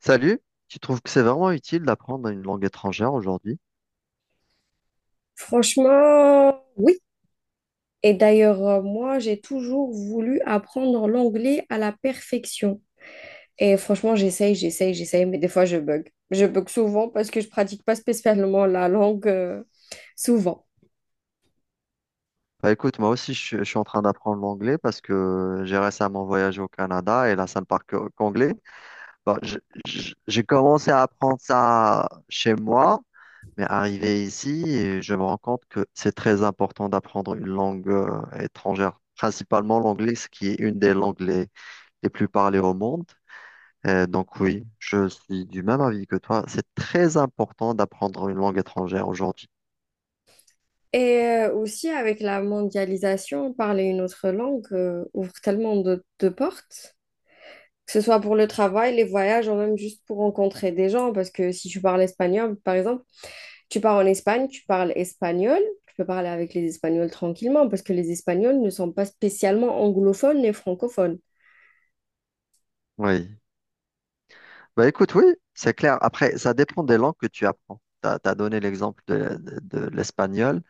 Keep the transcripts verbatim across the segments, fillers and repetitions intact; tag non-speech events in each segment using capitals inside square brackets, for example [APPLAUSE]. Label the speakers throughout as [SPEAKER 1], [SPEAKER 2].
[SPEAKER 1] Salut, tu trouves que c'est vraiment utile d'apprendre une langue étrangère aujourd'hui?
[SPEAKER 2] Franchement, oui. Et d'ailleurs, euh, moi, j'ai toujours voulu apprendre l'anglais à la perfection. Et franchement, j'essaye, j'essaye, j'essaye, mais des fois, je bug. Je bug souvent parce que je pratique pas spécialement la langue, euh, souvent.
[SPEAKER 1] Bah écoute, moi aussi je, suis je suis en train d'apprendre l'anglais parce que j'ai récemment voyagé au Canada et là ça ne parle que- qu'anglais. Bah, je- je- j'ai commencé à apprendre ça chez moi, mais arrivé ici, et je me rends compte que c'est très important d'apprendre une langue euh, étrangère, principalement l'anglais, ce qui est une des langues les, les plus parlées au monde. Euh, donc oui, je suis du même avis que toi, c'est très important d'apprendre une langue étrangère aujourd'hui.
[SPEAKER 2] Et euh, aussi, avec la mondialisation, parler une autre langue, euh, ouvre tellement de, de portes, que ce soit pour le travail, les voyages, ou même juste pour rencontrer des gens. Parce que si tu parles espagnol, par exemple, tu pars en Espagne, tu parles espagnol, tu peux parler avec les Espagnols tranquillement parce que les Espagnols ne sont pas spécialement anglophones et francophones.
[SPEAKER 1] Oui. Bah écoute, oui, c'est clair. Après, ça dépend des langues que tu apprends. Tu as donné l'exemple de, de- de l'espagnol.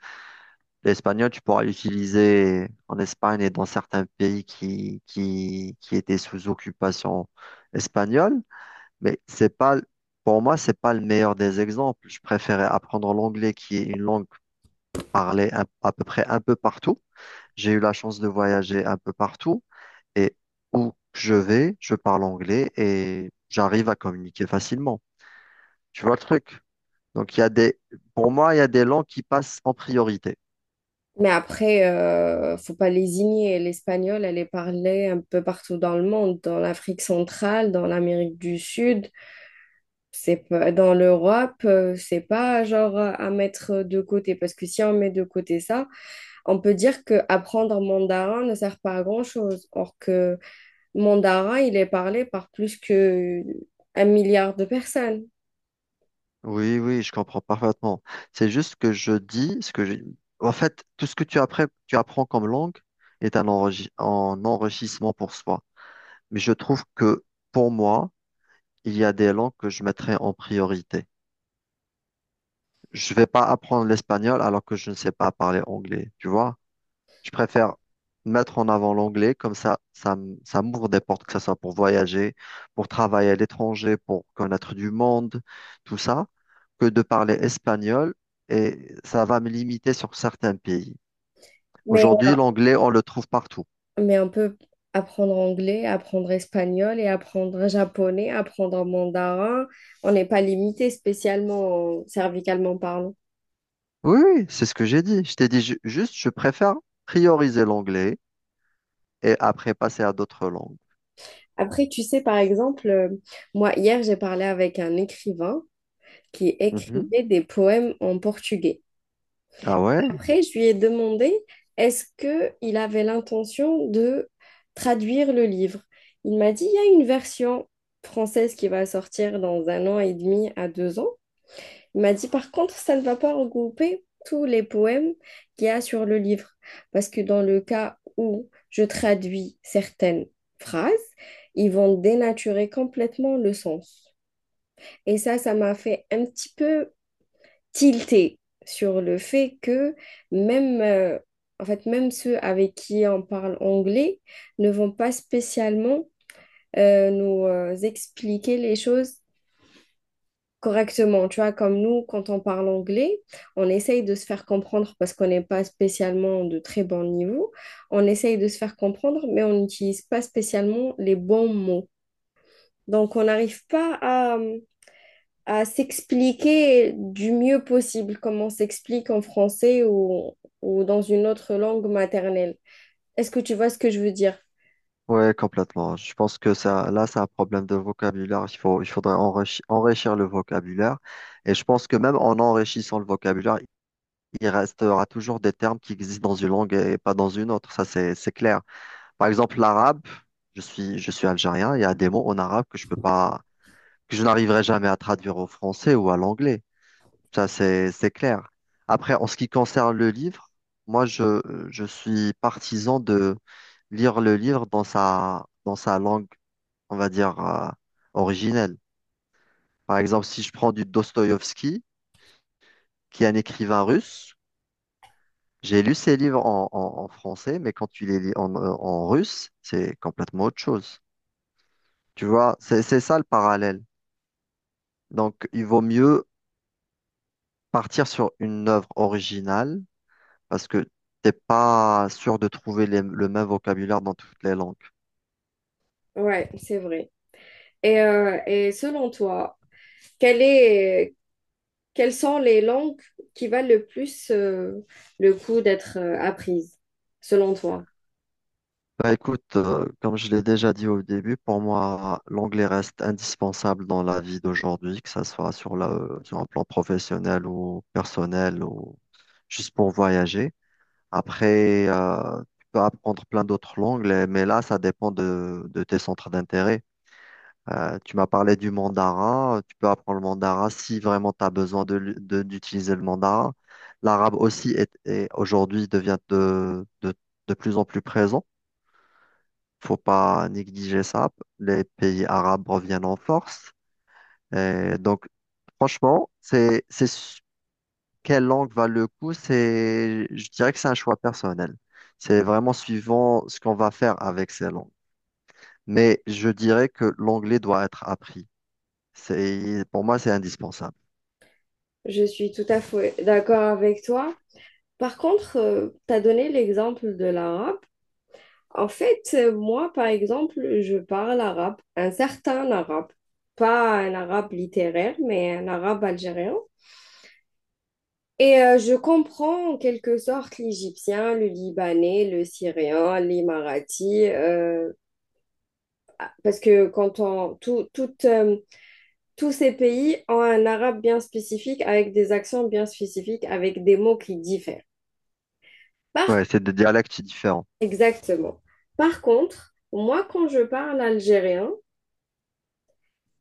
[SPEAKER 1] L'espagnol, tu pourras l'utiliser en Espagne et dans certains pays qui, qui, qui étaient sous occupation espagnole, mais c'est pas, pour moi, c'est pas le meilleur des exemples. Je préférais apprendre l'anglais qui est une langue parlée à à peu près un peu partout. J'ai eu la chance de voyager un peu partout et où je vais, je parle anglais et j'arrive à communiquer facilement. Tu vois le truc? Donc, il y a des, pour moi, il y a des langues qui passent en priorité.
[SPEAKER 2] Mais après, euh, faut pas lésigner. L'espagnol, elle est parlée un peu partout dans le monde, dans l'Afrique centrale, dans l'Amérique du Sud, c'est pas, dans l'Europe, euh, c'est pas genre à mettre de côté, parce que si on met de côté ça, on peut dire que apprendre mandarin ne sert pas à grand-chose. Or que Mandara, il est parlé par plus que un milliard de personnes.
[SPEAKER 1] Oui, oui, je comprends parfaitement. C'est juste que je dis ce que j'ai. En fait, tout ce que tu apprends, tu apprends comme langue est un, enregi- un enrichissement pour soi. Mais je trouve que pour moi, il y a des langues que je mettrais en priorité. Je vais pas apprendre l'espagnol alors que je ne sais pas parler anglais, tu vois? Je préfère mettre en avant l'anglais, comme ça, ça, m- ça m'ouvre des portes, que ce soit pour voyager, pour travailler à l'étranger, pour connaître du monde, tout ça, que de parler espagnol et ça va me limiter sur certains pays.
[SPEAKER 2] Mais,
[SPEAKER 1] Aujourd'hui,
[SPEAKER 2] euh,
[SPEAKER 1] l'anglais, on le trouve partout.
[SPEAKER 2] mais on peut apprendre anglais, apprendre espagnol et apprendre japonais, apprendre mandarin. On n'est pas limité spécialement euh, cervicalement parlant.
[SPEAKER 1] Oui, oui, c'est ce que j'ai dit. Je t'ai dit ju- juste, je préfère prioriser l'anglais et après passer à d'autres langues.
[SPEAKER 2] Après, tu sais, par exemple, euh, moi, hier, j'ai parlé avec un écrivain qui
[SPEAKER 1] Mhm.
[SPEAKER 2] écrivait des poèmes en portugais.
[SPEAKER 1] Ah ouais?
[SPEAKER 2] Après, je lui ai demandé est-ce qu'il avait l'intention de traduire le livre. Il m'a dit, il y a une version française qui va sortir dans un an et demi à deux ans. Il m'a dit, par contre, ça ne va pas regrouper tous les poèmes qu'il y a sur le livre, parce que dans le cas où je traduis certaines phrases, ils vont dénaturer complètement le sens. Et ça, ça m'a fait un petit peu tilté sur le fait que même, euh, en fait, même ceux avec qui on parle anglais ne vont pas spécialement euh, nous euh, expliquer les choses correctement. Tu vois, comme nous, quand on parle anglais, on essaye de se faire comprendre parce qu'on n'est pas spécialement de très bon niveau. On essaye de se faire comprendre, mais on n'utilise pas spécialement les bons mots. Donc, on n'arrive pas à, hum, à s'expliquer du mieux possible, comme on s'explique en français ou, ou dans une autre langue maternelle. Est-ce que tu vois ce que je veux dire?
[SPEAKER 1] Ouais, complètement. Je pense que ça, là, c'est un problème de vocabulaire. Il faut, il faudrait enrichi- enrichir le vocabulaire. Et je pense que même en enrichissant le vocabulaire, il restera toujours des termes qui existent dans une langue et pas dans une autre. Ça, c'est, c'est clair. Par exemple, l'arabe, je suis, je suis algérien. Il y a des mots en arabe que je peux pas, que je n'arriverai jamais à traduire au français ou à l'anglais. Ça, c'est, c'est clair. Après, en ce qui concerne le livre, moi, je, je suis partisan de lire le livre dans sa, dans sa langue on va dire, euh, originelle. Par exemple, si je prends du Dostoïevski, qui est un écrivain russe, j'ai lu ses livres en, en- en français, mais quand tu les lis en, euh, en russe, c'est complètement autre chose. Tu vois, c'est, c'est ça le parallèle. Donc, il vaut mieux partir sur une œuvre originale parce que t'es pas sûr de trouver les- le même vocabulaire dans toutes les langues.
[SPEAKER 2] Ouais, c'est vrai. Et, euh, et selon toi, quelle est, quelles sont les langues qui valent le plus euh, le coup d'être euh, apprises, selon toi?
[SPEAKER 1] Bah écoute, euh, comme je l'ai déjà dit au début, pour moi, l'anglais reste indispensable dans la vie d'aujourd'hui, que ça soit sur la, euh, sur un plan professionnel ou personnel ou juste pour voyager. Après, euh, tu peux apprendre plein d'autres langues, les- mais là, ça dépend de, de tes centres d'intérêt. Euh, tu m'as parlé du mandarin, tu peux apprendre le mandarin si vraiment tu as besoin de, l'u- de- d'utiliser le mandarin. L'arabe aussi est, est- aujourd'hui devient de, de de plus en plus présent, faut pas négliger ça. Les pays arabes reviennent en force. Et donc, franchement, c'est, c'est, su- quelle langue va le coup? C'est, je dirais que c'est un choix personnel. C'est vraiment suivant ce qu'on va faire avec ces langues. Mais je dirais que l'anglais doit être appris. C'est, pour moi, c'est indispensable.
[SPEAKER 2] Je suis tout à fait d'accord avec toi. Par contre, tu as donné l'exemple de l'arabe. En fait, euh, moi, par exemple, je parle arabe, un certain arabe, pas un arabe littéraire, mais un arabe algérien. Et euh, je comprends en quelque sorte l'égyptien, le libanais, le syrien, l'émirati, euh, parce que quand on, tout, toute, euh, tous ces pays ont un arabe bien spécifique, avec des accents bien spécifiques, avec des mots qui diffèrent. Par,
[SPEAKER 1] Ouais, c'est des dialectes différents.
[SPEAKER 2] exactement. Par contre, moi, quand je parle algérien,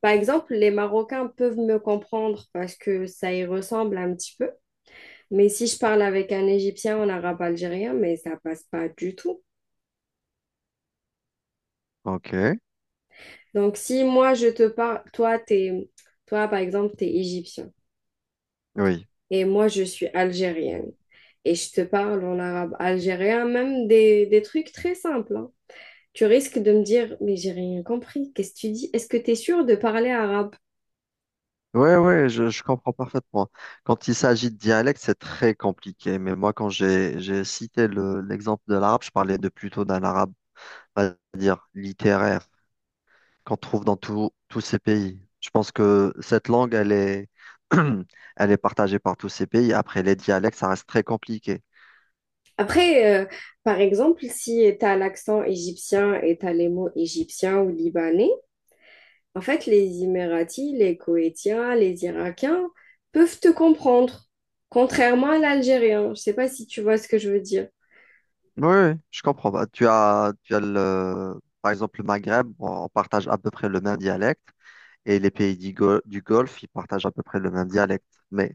[SPEAKER 2] par exemple, les Marocains peuvent me comprendre parce que ça y ressemble un petit peu. Mais si je parle avec un Égyptien en arabe algérien, mais ça passe pas du tout.
[SPEAKER 1] Ok,
[SPEAKER 2] Donc si moi je te parle, toi t'es, toi par exemple t'es égyptien
[SPEAKER 1] oui.
[SPEAKER 2] et moi je suis algérienne et je te parle en arabe algérien, même des, des trucs très simples, hein, tu risques de me dire mais j'ai rien compris, qu'est-ce que tu dis? Est-ce que tu es sûr de parler arabe?
[SPEAKER 1] Ouais, ouais, je, je comprends parfaitement. Quand il s'agit de dialecte, c'est très compliqué. Mais moi, quand j'ai, j'ai cité le- l'exemple de l'arabe, je parlais de plutôt d'un arabe, on va dire, littéraire, qu'on trouve dans tout- tous ces pays. Je pense que cette langue, elle est, [CLEARS THROAT] elle est partagée par tous ces pays. Après, les dialectes, ça reste très compliqué.
[SPEAKER 2] Après, euh, par exemple, si tu as l'accent égyptien et tu as les mots égyptiens ou libanais, en fait, les Émiratis, les Koétiens, les Irakiens peuvent te comprendre, contrairement à l'algérien. Je sais pas si tu vois ce que je veux dire.
[SPEAKER 1] Oui, oui, je comprends. Bah, tu as, tu as le, par exemple, le Maghreb, on partage à peu près le même dialecte. Et les pays du Gol- du Golfe, ils partagent à peu près le même dialecte. Mais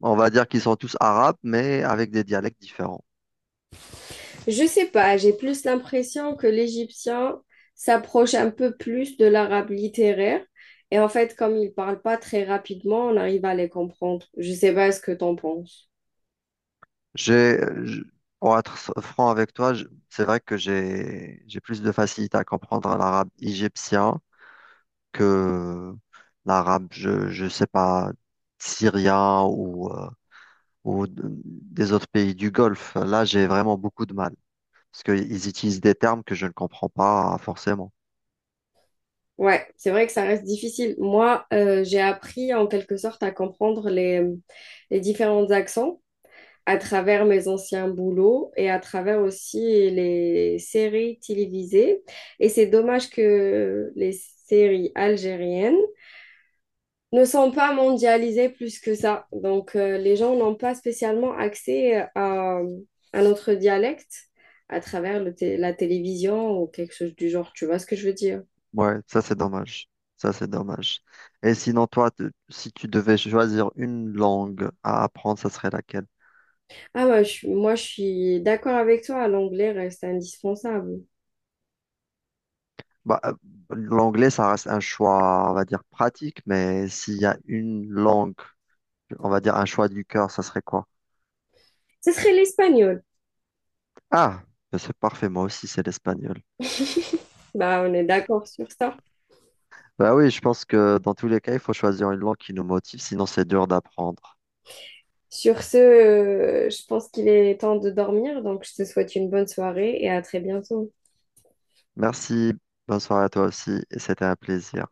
[SPEAKER 1] on va dire qu'ils sont tous arabes, mais avec des dialectes différents.
[SPEAKER 2] Je sais pas, j'ai plus l'impression que l'égyptien s'approche un peu plus de l'arabe littéraire. Et en fait, comme ils parlent pas très rapidement, on arrive à les comprendre. Je sais pas ce que t'en penses.
[SPEAKER 1] J'ai, je- pour être s- franc avec toi, je- c'est vrai que j'ai, j'ai plus de facilité à comprendre l'arabe égyptien que l'arabe, je, je sais pas, syrien ou, euh, ou d- des autres pays du Golfe. Là, j'ai vraiment beaucoup de mal parce qu'ils utilisent des termes que je ne comprends pas forcément.
[SPEAKER 2] Ouais, c'est vrai que ça reste difficile. Moi, euh, j'ai appris en quelque sorte à comprendre les, les différents accents à travers mes anciens boulots et à travers aussi les séries télévisées. Et c'est dommage que les séries algériennes ne sont pas mondialisés plus que ça. Donc, euh, les gens n'ont pas spécialement accès euh, à, à notre dialecte à travers le té- la télévision ou quelque chose du genre. Tu vois ce que je veux dire?
[SPEAKER 1] Ouais, ça c'est dommage. Ça c'est dommage. Et sinon, toi, te- si tu devais choisir une langue à apprendre, ça serait laquelle?
[SPEAKER 2] Ah ouais, je suis- moi, je suis d'accord avec toi. L'anglais reste indispensable.
[SPEAKER 1] Bah, euh, l'anglais, ça reste un choix, on va dire, pratique, mais s'il y a une langue, on va dire un choix du cœur, ça serait quoi?
[SPEAKER 2] Ce serait l'espagnol.
[SPEAKER 1] Ah, ben, c'est parfait, moi aussi, c'est l'espagnol.
[SPEAKER 2] Bah, on est d'accord sur ça.
[SPEAKER 1] Bah oui, je pense que dans tous les cas, il faut choisir une langue qui nous motive, sinon c'est dur d'apprendre.
[SPEAKER 2] Sur ce, euh, je pense qu'il est temps de dormir. Donc, je te souhaite une bonne soirée et à très bientôt.
[SPEAKER 1] Merci, bonne soirée à toi aussi, et c'était un plaisir.